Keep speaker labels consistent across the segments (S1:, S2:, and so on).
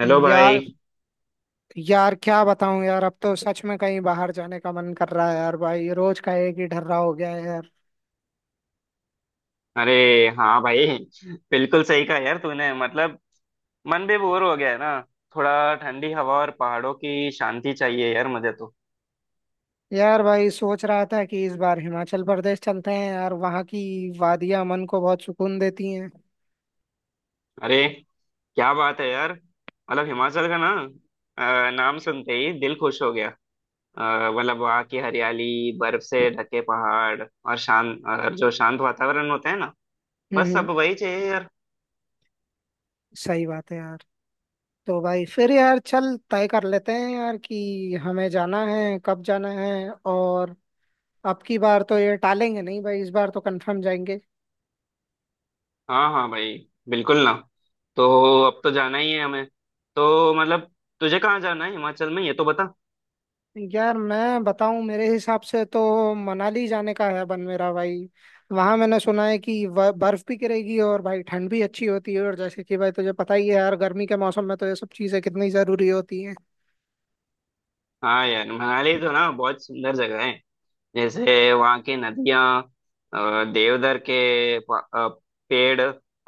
S1: Hello
S2: यार
S1: भाई।
S2: यार क्या बताऊं यार, अब तो सच में कहीं बाहर जाने का मन कर रहा है यार भाई। रोज का एक ही ढर्रा हो गया है यार।
S1: अरे हाँ भाई। बिल्कुल सही कहा यार तूने मतलब मन भी बोर हो गया है ना। थोड़ा ठंडी हवा और पहाड़ों की शांति चाहिए यार मुझे तो।
S2: यार भाई, सोच रहा था कि इस बार हिमाचल प्रदेश चलते हैं यार। वहाँ की वादियां मन को बहुत सुकून देती हैं।
S1: अरे क्या बात है यार। मतलब हिमाचल का ना नाम सुनते ही दिल खुश हो गया। मतलब वहाँ की हरियाली, बर्फ से ढके पहाड़ और शांत और जो शांत वातावरण होता है ना,
S2: हम्म,
S1: बस सब वही चाहिए यार।
S2: सही बात है यार। तो भाई फिर यार, चल तय कर लेते हैं यार कि हमें जाना है, कब जाना है। और अब की बार तो ये टालेंगे नहीं भाई, इस बार तो कंफर्म जाएंगे।
S1: हाँ हाँ भाई, बिल्कुल ना। तो अब तो जाना ही है हमें। तो मतलब तुझे कहाँ जाना है हिमाचल में ये तो बता।
S2: यार मैं बताऊं, मेरे हिसाब से तो मनाली जाने का है बन मेरा भाई। वहां मैंने सुना है कि बर्फ भी गिरेगी और भाई ठंड भी अच्छी होती है। और जैसे कि भाई तुझे पता ही है यार, गर्मी के मौसम में तो ये सब चीजें कितनी जरूरी होती हैं।
S1: हाँ यार, मनाली तो ना बहुत सुंदर जगह है। जैसे वहाँ की नदियाँ, देवदार के पेड़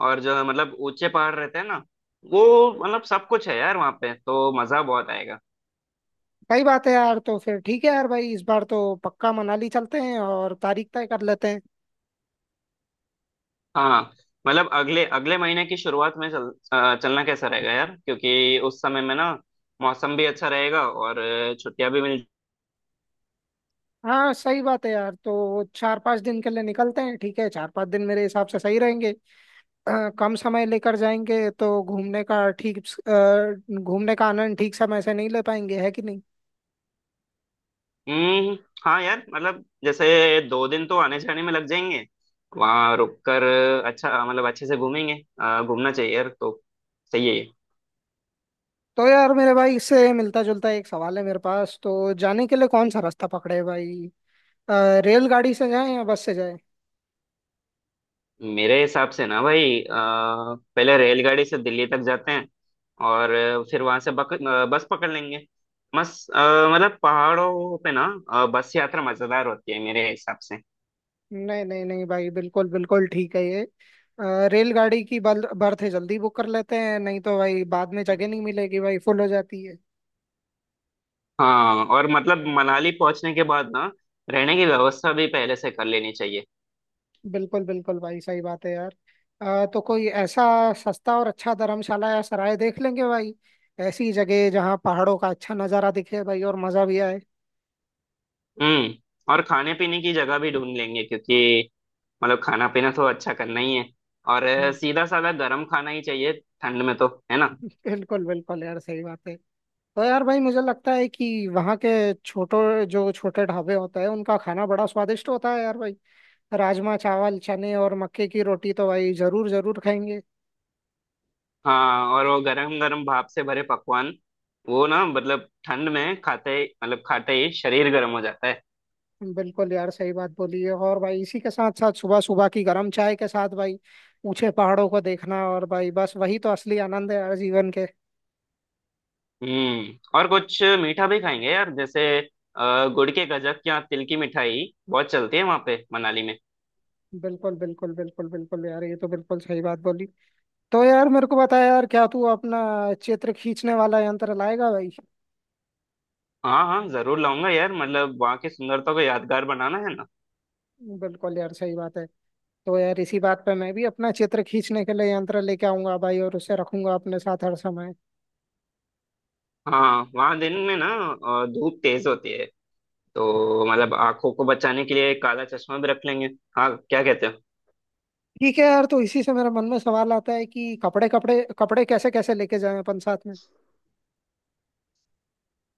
S1: और जो है मतलब ऊंचे पहाड़ रहते हैं ना, वो मतलब सब कुछ है यार, वहाँ पे तो मजा बहुत आएगा।
S2: सही बात है यार। तो फिर ठीक है यार भाई, इस बार तो पक्का मनाली चलते हैं और तारीख तय कर लेते हैं।
S1: हाँ मतलब अगले अगले महीने की शुरुआत में चलना कैसा रहेगा यार, क्योंकि उस समय में ना मौसम भी अच्छा रहेगा और छुट्टियां भी मिल।
S2: हाँ, सही बात है यार, तो 4-5 दिन के लिए निकलते हैं। ठीक है, 4-5 दिन मेरे हिसाब से सही रहेंगे। कम समय लेकर जाएंगे तो घूमने का ठीक घूमने का आनंद ठीक समय से नहीं ले पाएंगे, है कि नहीं।
S1: हम्म। हाँ यार, मतलब जैसे 2 दिन तो आने जाने में लग जाएंगे, वहाँ रुक कर अच्छा मतलब अच्छे से घूमेंगे। घूमना चाहिए यार, तो सही है ये।
S2: तो यार मेरे भाई, इससे मिलता जुलता एक सवाल है मेरे पास। तो जाने के लिए कौन सा रास्ता पकड़े भाई? अ, रेलगाड़ी से जाएं या बस से जाएं?
S1: मेरे हिसाब से ना भाई पहले रेलगाड़ी से दिल्ली तक जाते हैं और फिर वहां से बस पकड़ लेंगे। मस्त मतलब पहाड़ों पे ना बस यात्रा मजेदार होती है मेरे हिसाब से।
S2: नहीं, नहीं, नहीं भाई, बिल्कुल बिल्कुल ठीक है ये। रेलगाड़ी की बर्थ जल्दी बुक कर लेते हैं, नहीं तो भाई बाद में जगह नहीं मिलेगी भाई, फुल हो जाती है।
S1: हाँ और मतलब मनाली पहुंचने के बाद ना रहने की व्यवस्था भी पहले से कर लेनी चाहिए।
S2: बिल्कुल बिल्कुल भाई, सही बात है यार। तो कोई ऐसा सस्ता और अच्छा धर्मशाला या सराय देख लेंगे भाई। ऐसी जगह जहाँ पहाड़ों का अच्छा नज़ारा दिखे भाई और मज़ा भी आए।
S1: हम्म और खाने पीने की जगह भी ढूंढ लेंगे क्योंकि मतलब खाना पीना तो अच्छा करना ही है। और
S2: हम्म।
S1: सीधा साधा गर्म खाना ही चाहिए ठंड में तो है ना।
S2: बिल्कुल बिल्कुल यार, सही बात है। तो यार भाई मुझे लगता है कि वहाँ के छोटो जो छोटे ढाबे होते हैं, उनका खाना बड़ा स्वादिष्ट होता है यार भाई। राजमा, चावल, चने और मक्के की रोटी तो भाई जरूर जरूर खाएंगे।
S1: हाँ और वो गरम गरम भाप से भरे पकवान, वो ना मतलब ठंड में खाते मतलब खाते ही शरीर गर्म हो जाता है।
S2: बिल्कुल यार, सही बात बोली है। और भाई इसी के साथ साथ सुबह सुबह की गर्म चाय के साथ भाई ऊंचे पहाड़ों को देखना, और भाई बस वही तो असली आनंद है यार जीवन के।
S1: और कुछ मीठा भी खाएंगे यार, जैसे गुड़ के गजक या तिल की मिठाई बहुत चलती है वहाँ पे मनाली में।
S2: बिल्कुल, बिल्कुल, बिल्कुल, बिल्कुल यार, ये तो बिल्कुल सही बात बोली। तो यार मेरे को बता यार, क्या तू अपना चित्र खींचने वाला यंत्र लाएगा भाई?
S1: हाँ हाँ जरूर लाऊंगा यार, मतलब वहाँ की सुंदरता को यादगार बनाना है ना।
S2: बिल्कुल यार, सही बात है। तो यार इसी बात पे मैं भी अपना चित्र खींचने के लिए यंत्र लेके आऊंगा भाई, और उसे रखूंगा अपने साथ हर समय।
S1: हाँ वहाँ दिन में ना धूप तेज होती है, तो मतलब आंखों को बचाने के लिए काला चश्मा भी रख लेंगे। हाँ क्या कहते हो।
S2: ठीक है यार, तो इसी से मेरे मन में सवाल आता है कि कपड़े कपड़े कपड़े कैसे कैसे लेके जाएं अपन साथ में।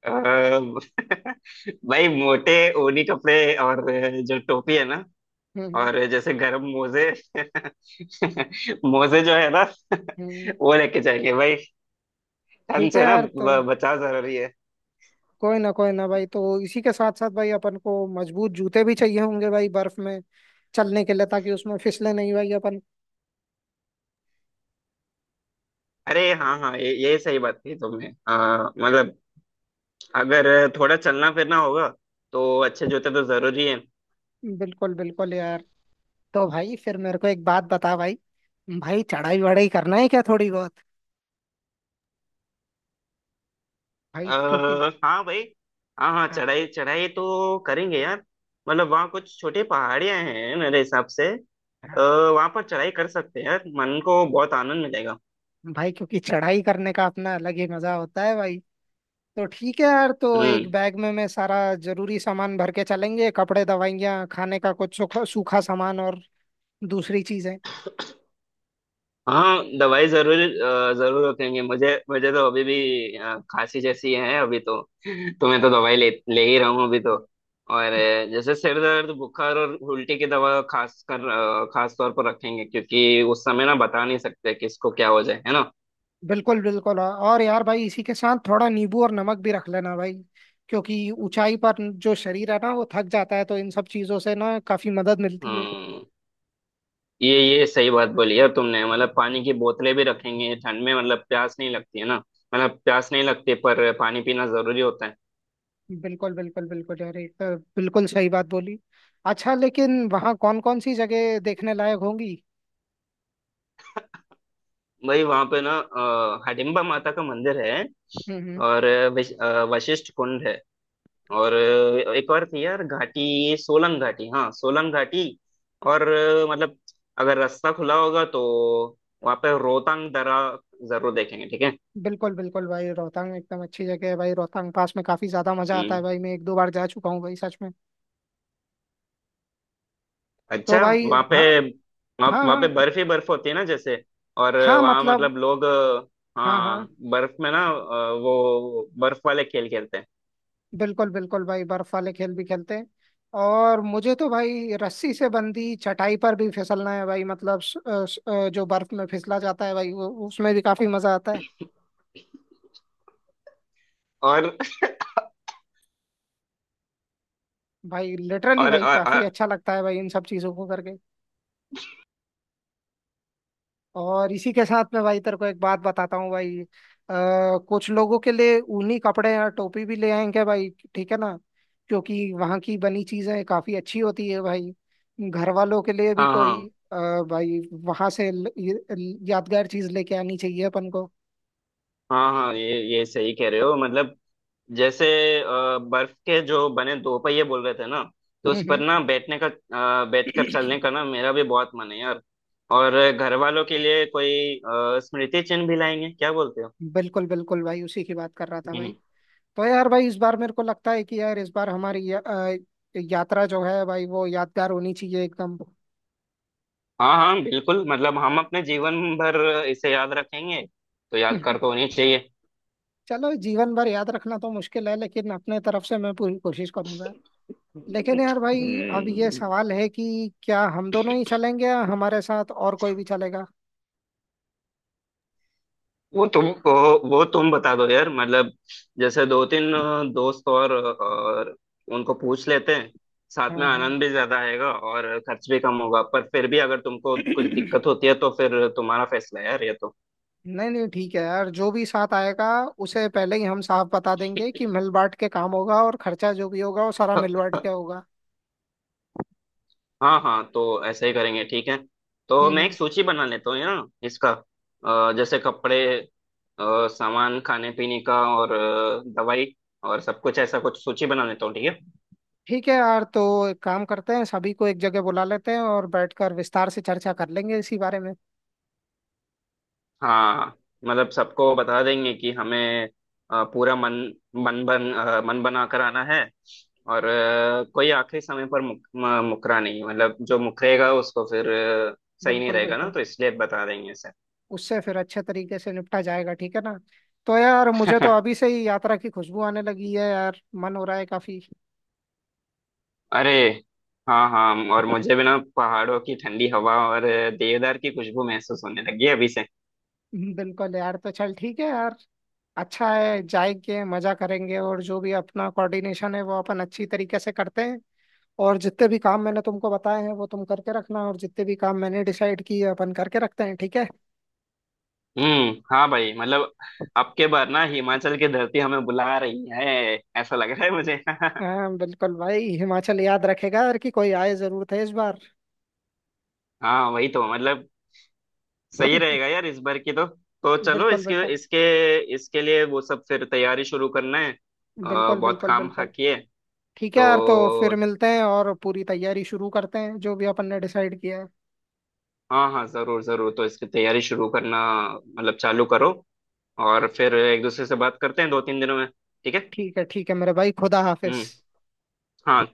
S1: अ, भाई, मोटे ऊनी कपड़े और जो टोपी है ना
S2: हम्म,
S1: और जैसे गरम मोजे मोजे जो है ना
S2: हम्म।
S1: वो लेके जाएंगे भाई। ठंड
S2: ठीक है
S1: से ना
S2: यार, तो
S1: बचाव जरूरी है।
S2: कोई ना भाई। तो इसी के साथ साथ भाई अपन को मजबूत जूते भी चाहिए होंगे भाई, बर्फ में चलने के लिए, ताकि उसमें फिसले नहीं भाई अपन।
S1: अरे हाँ हाँ, ये सही बात कही तुमने। मतलब अगर थोड़ा चलना फिरना होगा तो अच्छे जूते तो जरूरी है।
S2: बिल्कुल बिल्कुल यार। तो भाई फिर मेरे को एक बात बता भाई। चढ़ाई वढ़ाई करना है क्या थोड़ी बहुत भाई? क्योंकि
S1: हाँ भाई, हाँ हाँ
S2: हाँ,
S1: चढ़ाई चढ़ाई तो करेंगे यार। मतलब वहाँ कुछ छोटे पहाड़ियाँ हैं मेरे हिसाब से। आ,
S2: हाँ
S1: वहाँ पर चढ़ाई कर सकते हैं यार, मन को बहुत आनंद मिलेगा।
S2: भाई, क्योंकि चढ़ाई करने का अपना अलग ही मजा होता है भाई। तो ठीक है यार। तो एक
S1: हम्म
S2: बैग में मैं सारा जरूरी सामान भर के चलेंगे, कपड़े, दवाइयाँ, खाने का कुछ सूखा सूखा सामान और दूसरी चीजें।
S1: हाँ दवाई जरूर जरूर रखेंगे। मुझे मुझे तो अभी भी खांसी जैसी है अभी तो तो मैं तो दवाई ले ले ही रहा हूँ अभी तो। और जैसे सिर दर्द बुखार और उल्टी की दवा खास तौर पर रखेंगे क्योंकि उस समय ना बता नहीं सकते किसको क्या हो जाए है ना।
S2: बिल्कुल, बिल्कुल, हाँ। और यार भाई इसी के साथ थोड़ा नींबू और नमक भी रख लेना भाई, क्योंकि ऊंचाई पर जो शरीर है ना, वो थक जाता है। तो इन सब चीजों से ना काफी मदद मिलती है।
S1: हम्म ये ये सही बात बोली यार तुमने, मतलब पानी की बोतलें भी रखेंगे ठंड में, मतलब प्यास नहीं लगती है ना, मतलब प्यास नहीं लगती पर पानी पीना जरूरी होता है।
S2: बिल्कुल, बिल्कुल, बिल्कुल यार, एक तो बिल्कुल सही बात बोली। अच्छा, लेकिन वहाँ कौन कौन सी जगह देखने लायक होंगी?
S1: भाई वहां पे ना हडिम्बा माता का मंदिर है,
S2: हम्म, हम्म।
S1: और वशिष्ठ कुंड है, और एक और थी यार घाटी, सोलंग घाटी, हाँ सोलंग घाटी। और मतलब अगर रास्ता खुला होगा तो वहाँ पे रोहतांग दर्रा जरूर देखेंगे, ठीक है।
S2: बिल्कुल बिल्कुल भाई, रोहतांग एकदम अच्छी जगह है भाई। रोहतांग पास में काफी ज्यादा मजा आता
S1: हम्म
S2: है भाई। मैं 1-2 बार जा चुका हूँ भाई, सच में। तो
S1: अच्छा
S2: भाई
S1: वहाँ पे
S2: हाँ,
S1: वहाँ
S2: हाँ,
S1: वहाँ पे
S2: हाँ,
S1: बर्फ ही बर्फ होती है ना जैसे। और
S2: हाँ,
S1: वहाँ
S2: मतलब
S1: मतलब लोग
S2: हाँ, हाँ,
S1: हाँ, बर्फ में ना वो बर्फ वाले खेल खेलते हैं।
S2: बिल्कुल बिल्कुल भाई, बर्फ वाले खेल भी खेलते हैं। और मुझे तो भाई रस्सी से बंधी चटाई पर भी फिसलना है भाई, मतलब स- अ, जो बर्फ में फिसला जाता है भाई, वो उसमें भी काफी मजा आता है।
S1: और
S2: भाई लिटरली
S1: और,
S2: भाई,
S1: और,
S2: काफी
S1: और
S2: अच्छा लगता है भाई इन सब चीजों को करके। और इसी के साथ में भाई तेरे को एक बात बताता हूँ भाई। कुछ लोगों के लिए ऊनी कपड़े या टोपी भी ले आएंगे भाई, ठीक है ना। क्योंकि वहाँ की बनी चीजें काफी अच्छी होती है भाई। घर वालों के लिए भी
S1: हाँ
S2: कोई
S1: हाँ
S2: भाई वहां से यादगार चीज लेके आनी चाहिए अपन को।
S1: हाँ हाँ, ये सही कह रहे हो, मतलब जैसे बर्फ के जो बने दो पहिए बोल रहे थे ना, तो उस
S2: हम्म, हम्म।
S1: पर ना बैठकर चलने का ना मेरा भी बहुत मन है यार। और घर वालों के लिए कोई स्मृति चिन्ह भी लाएंगे, क्या बोलते
S2: बिल्कुल बिल्कुल भाई, उसी की बात कर रहा था
S1: हो।
S2: भाई। तो यार भाई, इस बार मेरे को लगता है कि यार इस बार हमारी यात्रा जो है भाई, वो यादगार होनी चाहिए एकदम।
S1: हाँ हाँ बिल्कुल, मतलब हम अपने जीवन भर इसे याद रखेंगे तो याद कर तो होनी चाहिए।
S2: चलो, जीवन भर याद रखना तो मुश्किल है, लेकिन अपने तरफ से मैं पूरी कोशिश करूंगा। लेकिन यार भाई, अब ये
S1: हम्म,
S2: सवाल है कि क्या हम दोनों ही चलेंगे, या हमारे साथ और कोई भी चलेगा?
S1: वो तुम बता दो यार, मतलब जैसे दो तीन दोस्त और उनको पूछ लेते हैं।
S2: हाँ,
S1: साथ में
S2: हाँ।
S1: आनंद भी ज्यादा आएगा और खर्च भी कम होगा, पर फिर भी अगर तुमको कुछ दिक्कत होती है तो फिर तुम्हारा फैसला है यार ये तो।
S2: नहीं, नहीं, ठीक है यार, जो भी साथ आएगा उसे पहले ही हम साफ बता देंगे कि मिल बांट के काम होगा, और खर्चा जो भी होगा वो सारा मिल बांट के होगा।
S1: हाँ हाँ, तो ऐसे ही करेंगे, ठीक है। तो
S2: हम्म,
S1: मैं एक सूची बना लेता हूँ यार इसका, जैसे कपड़े, सामान खाने पीने का और दवाई और सब कुछ, ऐसा कुछ सूची बना लेता हूँ, ठीक है।
S2: ठीक है यार, तो एक काम करते हैं, सभी को एक जगह बुला लेते हैं और बैठकर विस्तार से चर्चा कर लेंगे इसी बारे में।
S1: हाँ मतलब सबको बता देंगे कि हमें पूरा मन मन बन अ, मन बना कर आना है, और कोई आखिरी समय पर मुकरा नहीं, मतलब जो मुकरेगा उसको फिर अ, सही नहीं
S2: बिल्कुल,
S1: रहेगा ना,
S2: बिल्कुल।
S1: तो इसलिए बता देंगे सर।
S2: उससे फिर अच्छे तरीके से निपटा जाएगा, ठीक है ना। तो यार, मुझे तो अभी से ही यात्रा की खुशबू आने लगी है यार, मन हो रहा है काफी।
S1: अरे, हाँ हाँ, और मुझे भी ना पहाड़ों की ठंडी हवा और देवदार की खुशबू महसूस होने लगी है अभी से।
S2: बिल्कुल यार, तो चल ठीक है यार। अच्छा है, जाएंगे, मजा करेंगे, और जो भी अपना कोऑर्डिनेशन है वो अपन अच्छी तरीके से करते हैं। और जितने भी काम मैंने तुमको बताए हैं वो तुम करके रखना, और जितने भी काम मैंने डिसाइड किए, अपन करके रखते हैं, ठीक है।
S1: हाँ भाई, मतलब अब के बार ना हिमाचल की धरती हमें बुला रही है, ऐसा लग रहा है मुझे
S2: हाँ बिल्कुल भाई, हिमाचल याद रखेगा यार कि कोई आए जरूर थे इस बार।
S1: हाँ वही तो मतलब सही रहेगा यार इस बार की तो। तो चलो
S2: बिल्कुल,
S1: इसके
S2: बिल्कुल,
S1: इसके इसके लिए वो सब फिर तैयारी शुरू करना है,
S2: बिल्कुल,
S1: बहुत
S2: बिल्कुल,
S1: काम
S2: बिल्कुल।
S1: बाकी है।
S2: ठीक है यार, तो फिर
S1: तो
S2: मिलते हैं और पूरी तैयारी शुरू करते हैं जो भी अपन ने डिसाइड किया है।
S1: हाँ हाँ जरूर जरूर, तो इसकी तैयारी शुरू करना मतलब चालू करो, और फिर एक दूसरे से बात करते हैं दो तीन दिनों में, ठीक है।
S2: ठीक है, ठीक है मेरे भाई। खुदा हाफिज।
S1: हम्म हाँ।